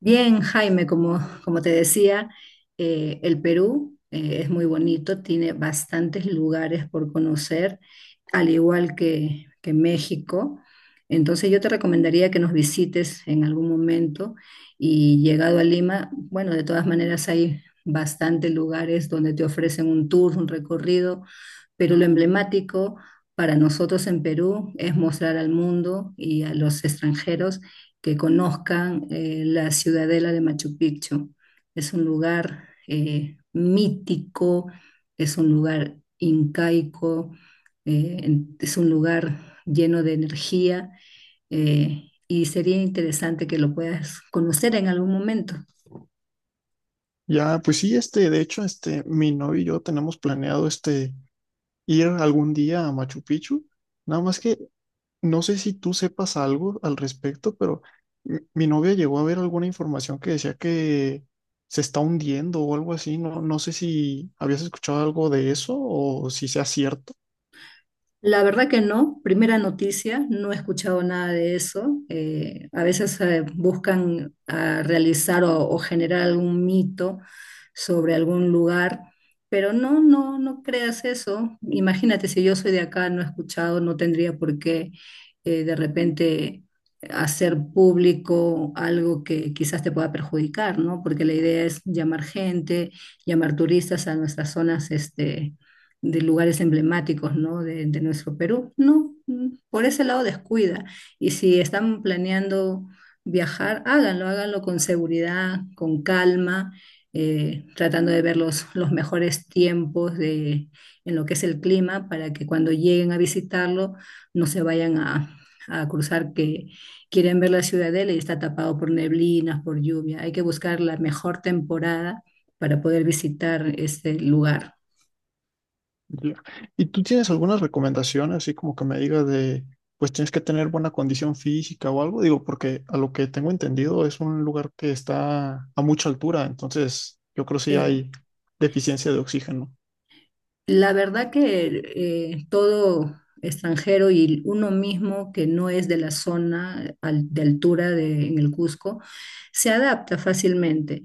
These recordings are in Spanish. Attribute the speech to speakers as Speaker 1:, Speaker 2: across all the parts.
Speaker 1: Bien, Jaime, como te decía, el Perú es muy bonito, tiene bastantes lugares por conocer, al igual que México. Entonces yo te recomendaría que nos visites en algún momento y llegado a Lima, bueno, de todas maneras hay bastantes lugares donde te ofrecen un tour, un recorrido, pero lo emblemático para nosotros en Perú es mostrar al mundo y a los extranjeros que conozcan la ciudadela de Machu Picchu. Es un lugar mítico, es un lugar incaico, es un lugar lleno de energía y sería interesante que lo puedas conocer en algún momento.
Speaker 2: Ya, pues sí, de hecho, mi novio y yo tenemos planeado, ir algún día a Machu Picchu. Nada más que no sé si tú sepas algo al respecto, pero mi novia llegó a ver alguna información que decía que se está hundiendo o algo así. No, no sé si habías escuchado algo de eso o si sea cierto.
Speaker 1: La verdad que no, primera noticia, no he escuchado nada de eso. A veces buscan realizar o generar algún mito sobre algún lugar, pero no creas eso. Imagínate, si yo soy de acá, no he escuchado, no tendría por qué de repente hacer público algo que quizás te pueda perjudicar, ¿no? Porque la idea es llamar gente, llamar turistas a nuestras zonas, este, de lugares emblemáticos, ¿no? De nuestro Perú. No, por ese lado descuida. Y si están planeando viajar, háganlo, háganlo con seguridad, con calma, tratando de ver los mejores tiempos de, en lo que es el clima para que cuando lleguen a visitarlo no se vayan a cruzar que quieren ver la ciudadela y está tapado por neblinas, por lluvia. Hay que buscar la mejor temporada para poder visitar este lugar.
Speaker 2: Ya. ¿Y tú tienes alguna recomendación así como que me digas de, pues tienes que tener buena condición física o algo? Digo, porque a lo que tengo entendido es un lugar que está a mucha altura, entonces yo creo que sí
Speaker 1: Sí.
Speaker 2: hay deficiencia de oxígeno.
Speaker 1: La verdad que todo extranjero y uno mismo que no es de la zona de altura de, en el Cusco se adapta fácilmente.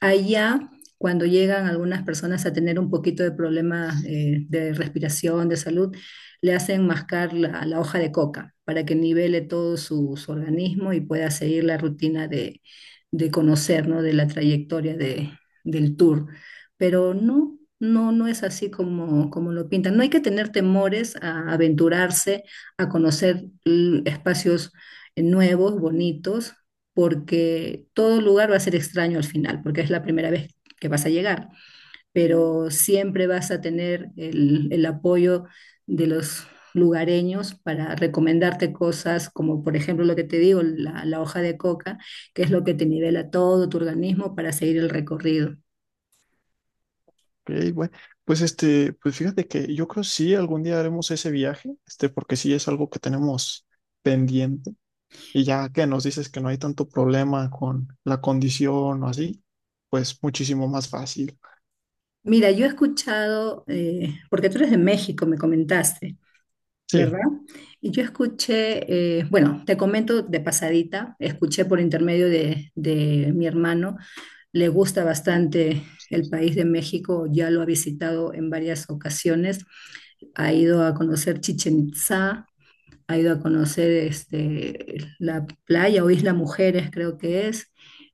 Speaker 1: Allá, cuando llegan algunas personas a tener un poquito de problemas de respiración, de salud, le hacen mascar la hoja de coca para que nivele todo su organismo y pueda seguir la rutina de conocer, ¿no? de la trayectoria del tour, pero no es así como, como lo pintan. No hay que tener temores a aventurarse, a conocer espacios nuevos, bonitos, porque todo lugar va a ser extraño al final, porque es la primera vez que vas a llegar, pero siempre vas a tener el apoyo de los lugareños para recomendarte cosas como por ejemplo lo que te digo, la hoja de coca, que es lo que te nivela todo tu organismo para seguir el recorrido.
Speaker 2: Ok, bueno, pues pues fíjate que yo creo sí algún día haremos ese viaje, porque sí es algo que tenemos pendiente y ya que nos dices que no hay tanto problema con la condición o así, pues muchísimo más fácil.
Speaker 1: Mira, yo he escuchado, porque tú eres de México, me comentaste,
Speaker 2: Sí.
Speaker 1: ¿verdad? Y yo escuché, bueno, te comento de pasadita, escuché por intermedio de mi hermano, le gusta bastante el país de México, ya lo ha visitado en varias ocasiones, ha ido a conocer Chichen Itzá, ha ido a conocer este, la playa o Isla Mujeres, creo que es,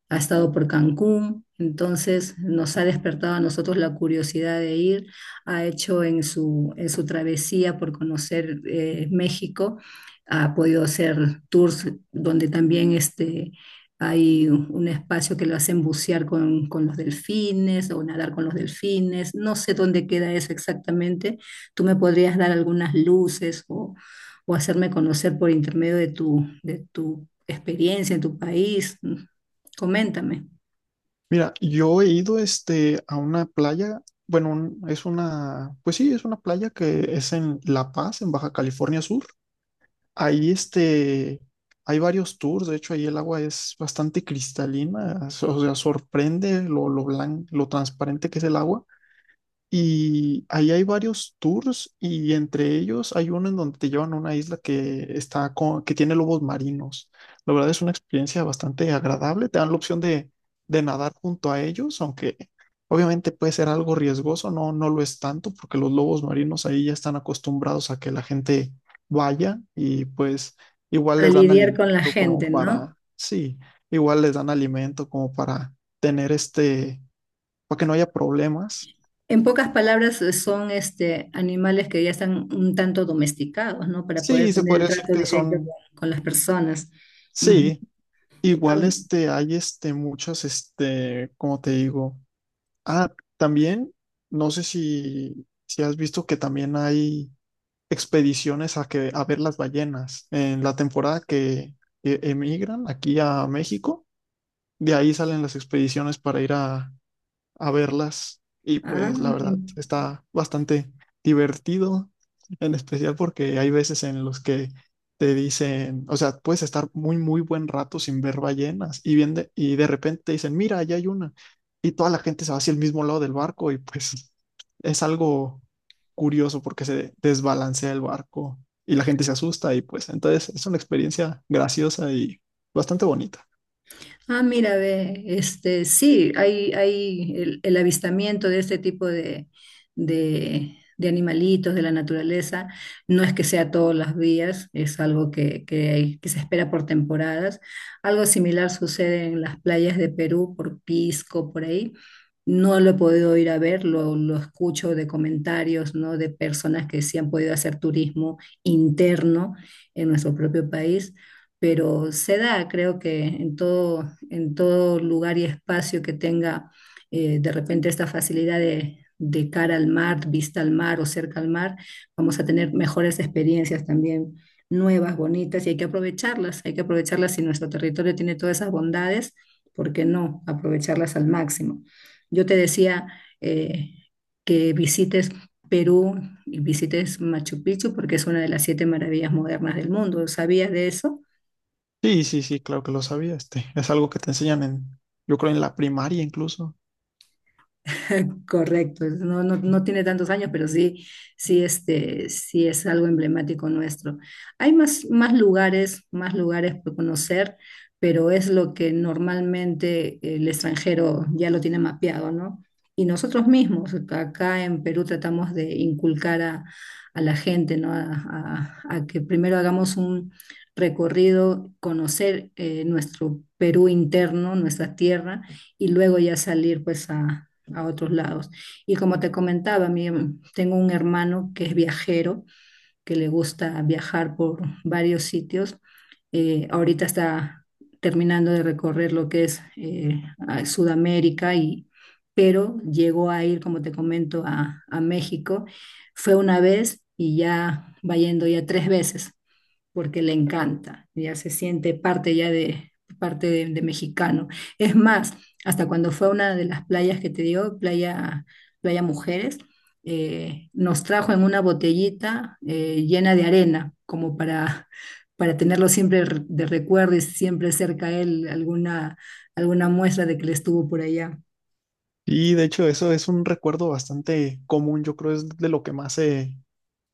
Speaker 1: ha estado por Cancún, entonces nos ha despertado a nosotros la curiosidad de ir, ha hecho en su travesía por conocer México, ha podido hacer tours donde también este, hay un espacio que lo hacen bucear con los delfines o nadar con los delfines, no sé dónde queda eso exactamente, tú me podrías dar algunas luces o hacerme conocer por intermedio de tu experiencia en tu país. Coméntame.
Speaker 2: Mira, yo he ido a una playa, bueno, es una, pues sí, es una playa que es en La Paz, en Baja California Sur. Ahí hay varios tours, de hecho ahí el agua es bastante cristalina, o sea, sorprende lo blanco, lo transparente que es el agua. Y ahí hay varios tours y entre ellos hay uno en donde te llevan a una isla que está con, que tiene lobos marinos. La verdad es una experiencia bastante agradable. Te dan la opción de nadar junto a ellos, aunque obviamente puede ser algo riesgoso, no, no lo es tanto porque los lobos marinos ahí ya están acostumbrados a que la gente vaya y pues igual
Speaker 1: A
Speaker 2: les dan
Speaker 1: lidiar con la
Speaker 2: alimento
Speaker 1: gente,
Speaker 2: como
Speaker 1: ¿no?
Speaker 2: para, sí, igual les dan alimento como para tener para que no haya problemas.
Speaker 1: En pocas palabras, son este, animales que ya están un tanto domesticados, ¿no? Para poder
Speaker 2: Sí, se
Speaker 1: tener el
Speaker 2: podría decir
Speaker 1: trato
Speaker 2: que
Speaker 1: directo
Speaker 2: son,
Speaker 1: con las personas. Ujú.
Speaker 2: sí,
Speaker 1: Ah,
Speaker 2: igual hay muchas, como te digo, ah, también, no sé si, si has visto que también hay expediciones a, que, a ver las ballenas. En la temporada que emigran aquí a México, de ahí salen las expediciones para ir a verlas y
Speaker 1: ah,
Speaker 2: pues la verdad está bastante divertido, en especial porque hay veces en los que te dicen, o sea, puedes estar muy, muy buen rato sin ver ballenas y, bien de, y de repente te dicen, mira, allá hay una y toda la gente se va hacia el mismo lado del barco y pues es algo curioso porque se desbalancea el barco y la gente se asusta y pues entonces es una experiencia graciosa y bastante bonita.
Speaker 1: Ah, mira, ve, este, sí, hay el avistamiento de este tipo de animalitos de la naturaleza. No es que sea todos los días, es algo que, que se espera por temporadas. Algo similar sucede en las playas de Perú, por Pisco, por ahí. No lo he podido ir a ver, lo escucho de comentarios, ¿no? De personas que sí han podido hacer turismo interno en nuestro propio país, pero se da, creo que en todo lugar y espacio que tenga de repente esta facilidad de cara al mar, vista al mar o cerca al mar, vamos a tener mejores experiencias también, nuevas, bonitas, y hay que aprovecharlas si nuestro territorio tiene todas esas bondades, ¿por qué no aprovecharlas al máximo? Yo te decía eh, que visites... Perú y visites Machu Picchu porque es una de las siete maravillas modernas del mundo. ¿Sabías de eso?
Speaker 2: Sí, sí, sí, claro que lo sabía, es algo que te enseñan en, yo creo en la primaria incluso.
Speaker 1: Correcto, no, no, no tiene tantos años, pero sí, sí, este, sí es algo emblemático nuestro. Hay más, más lugares por conocer, pero es lo que normalmente el extranjero ya lo tiene mapeado, ¿no? Y nosotros mismos, acá en Perú tratamos de inculcar a la gente, ¿no? A que primero hagamos un recorrido, conocer nuestro Perú interno, nuestra tierra y luego ya salir pues a otros lados. Y como te comentaba, mi, tengo un hermano que es viajero, que le gusta viajar por varios sitios. Ahorita está terminando de recorrer lo que es a Sudamérica y pero llegó a ir, como te comento, a México. Fue una vez y ya va yendo ya tres veces porque le encanta, ya se siente parte ya de parte de mexicano. Es más, hasta cuando fue a una de las playas que te digo, playa, playa Mujeres, nos trajo en una botellita llena de arena, como para tenerlo siempre de recuerdo y siempre cerca a él alguna, alguna muestra de que le estuvo por allá.
Speaker 2: Y de hecho eso es un recuerdo bastante común, yo creo es de lo que más se,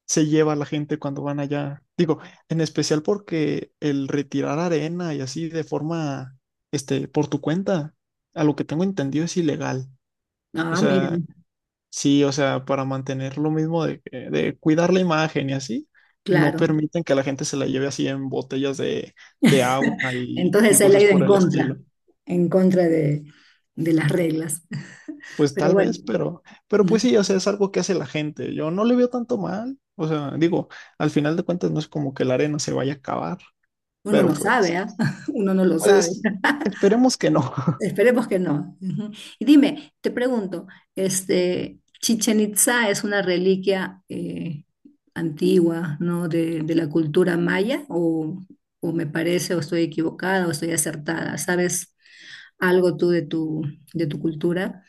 Speaker 2: se lleva la gente cuando van allá. Digo, en especial porque el retirar arena y así de forma, por tu cuenta, a lo que tengo entendido es ilegal. O
Speaker 1: Ah,
Speaker 2: sea,
Speaker 1: miren,
Speaker 2: sí, o sea, para mantener lo mismo de, que- de cuidar la imagen y así, no
Speaker 1: claro.
Speaker 2: permiten que la gente se la lleve así en botellas de agua y
Speaker 1: Entonces él ha
Speaker 2: cosas
Speaker 1: ido
Speaker 2: por el estilo.
Speaker 1: en contra de las reglas.
Speaker 2: Pues
Speaker 1: Pero
Speaker 2: tal
Speaker 1: bueno.
Speaker 2: vez, pero pues sí, o sea, es algo que hace la gente. Yo no le veo tanto mal. O sea, digo, al final de cuentas no es como que la arena se vaya a acabar,
Speaker 1: Uno no
Speaker 2: pero
Speaker 1: sabe,
Speaker 2: pues,
Speaker 1: ¿ah? Uno no lo sabe.
Speaker 2: pues esperemos que no.
Speaker 1: Esperemos que no. Ujú. Y dime, te pregunto, este, Chichen Itza es una reliquia antigua, ¿no? De la cultura maya, o me parece, o estoy equivocada, o estoy acertada. ¿Sabes algo tú de tu cultura?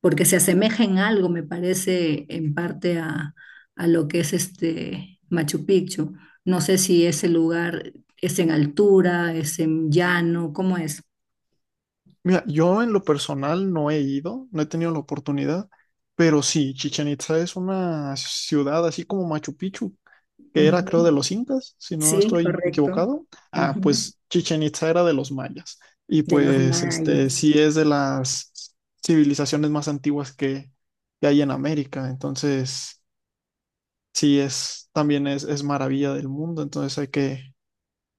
Speaker 1: Porque se asemeja en algo, me parece, en parte a lo que es este Machu Picchu. No sé si ese lugar es en altura, es en llano, ¿cómo es?
Speaker 2: Mira, yo en lo personal no he ido, no he tenido la oportunidad, pero sí, Chichen Itza es una ciudad así como Machu Picchu que era creo
Speaker 1: Ujú.
Speaker 2: de los incas, si no
Speaker 1: Sí,
Speaker 2: estoy
Speaker 1: correcto.
Speaker 2: equivocado. Ah,
Speaker 1: Ujú.
Speaker 2: pues Chichen Itza era de los mayas y
Speaker 1: De los
Speaker 2: pues este
Speaker 1: mayas.
Speaker 2: sí es de las civilizaciones más antiguas que hay en América, entonces sí es también es maravilla del mundo, entonces hay que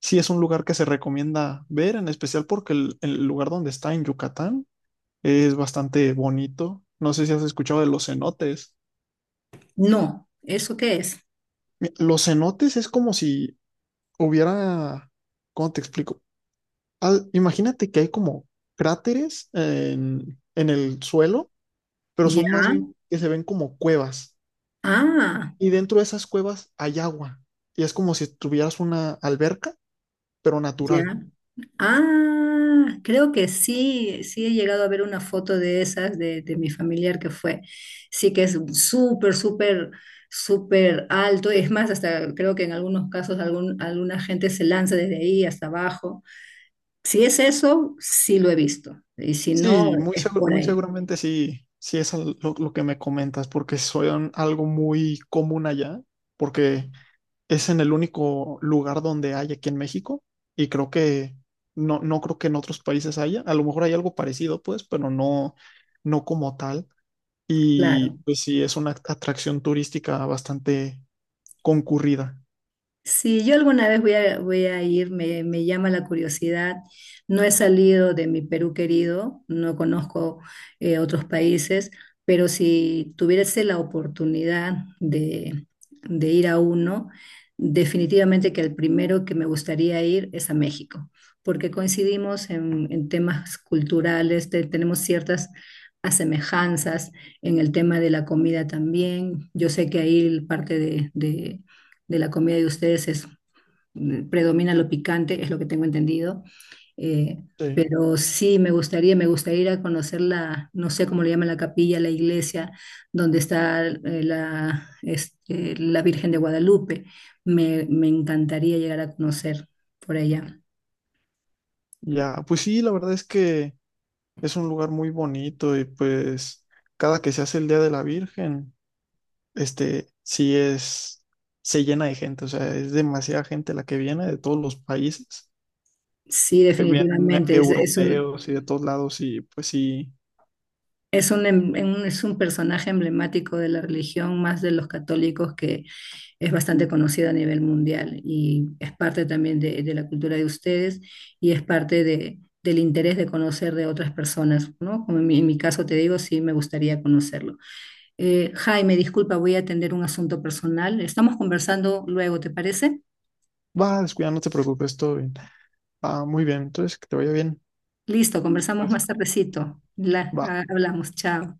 Speaker 2: sí es un lugar que se recomienda ver, en especial porque el lugar donde está en Yucatán es bastante bonito. No sé si has escuchado de los cenotes.
Speaker 1: No, ¿eso qué es?
Speaker 2: Los cenotes es como si hubiera. ¿Cómo te explico? Ah, imagínate que hay como cráteres en el suelo, pero son más bien
Speaker 1: Ya.
Speaker 2: que se ven como cuevas.
Speaker 1: Ah,
Speaker 2: Y dentro de esas cuevas hay agua. Y es como si tuvieras una alberca, pero
Speaker 1: ya.
Speaker 2: natural.
Speaker 1: Ah, creo que sí, sí he llegado a ver una foto de esas de mi familiar que fue. Sí que es súper, súper, súper alto. Es más, hasta creo que en algunos casos algún, alguna gente se lanza desde ahí hasta abajo. Si es eso, sí lo he visto. Y si no,
Speaker 2: Sí, muy,
Speaker 1: es por
Speaker 2: muy
Speaker 1: ahí.
Speaker 2: seguramente sí, sí es lo que me comentas, porque son algo muy común allá, porque es en el único lugar donde hay aquí en México. Y creo que no, no creo que en otros países haya. A lo mejor hay algo parecido, pues, pero no, no como tal. Y
Speaker 1: Claro.
Speaker 2: pues sí, es una atracción turística bastante concurrida.
Speaker 1: Si yo alguna vez voy voy a ir, me llama la curiosidad. No he salido de mi Perú querido, no conozco otros países, pero si tuviese la oportunidad de ir a uno, definitivamente que el primero que me gustaría ir es a México, porque coincidimos en temas culturales, tenemos ciertas asemejanzas en el tema de la comida también. Yo sé que ahí parte de la comida de ustedes es, predomina lo picante, es lo que tengo entendido. Eh,
Speaker 2: Sí.
Speaker 1: pero sí, me gustaría ir a conocer la, no sé cómo le llaman la capilla, la iglesia, donde está la, este, la Virgen de Guadalupe. Me encantaría llegar a conocer por allá.
Speaker 2: Ya, pues sí, la verdad es que es un lugar muy bonito y pues cada que se hace el Día de la Virgen, sí es, se llena de gente, o sea, es demasiada gente la que viene de todos los países,
Speaker 1: Sí,
Speaker 2: que vienen
Speaker 1: definitivamente, es un,
Speaker 2: europeos y de todos lados y pues sí,
Speaker 1: es un, es un personaje emblemático de la religión, más de los católicos que, es bastante conocida a nivel mundial y es parte también de la cultura de ustedes y es parte de, del interés de conocer de otras personas, ¿no? Como en mi caso te digo, sí me gustaría conocerlo. Jaime, disculpa, voy a atender un asunto personal. Estamos conversando luego, ¿te parece?
Speaker 2: va, descuida, no te preocupes, todo bien. Ah, muy bien, entonces que te vaya bien.
Speaker 1: Listo, conversamos
Speaker 2: Pues,
Speaker 1: más tardecito.
Speaker 2: va.
Speaker 1: Hablamos, chao.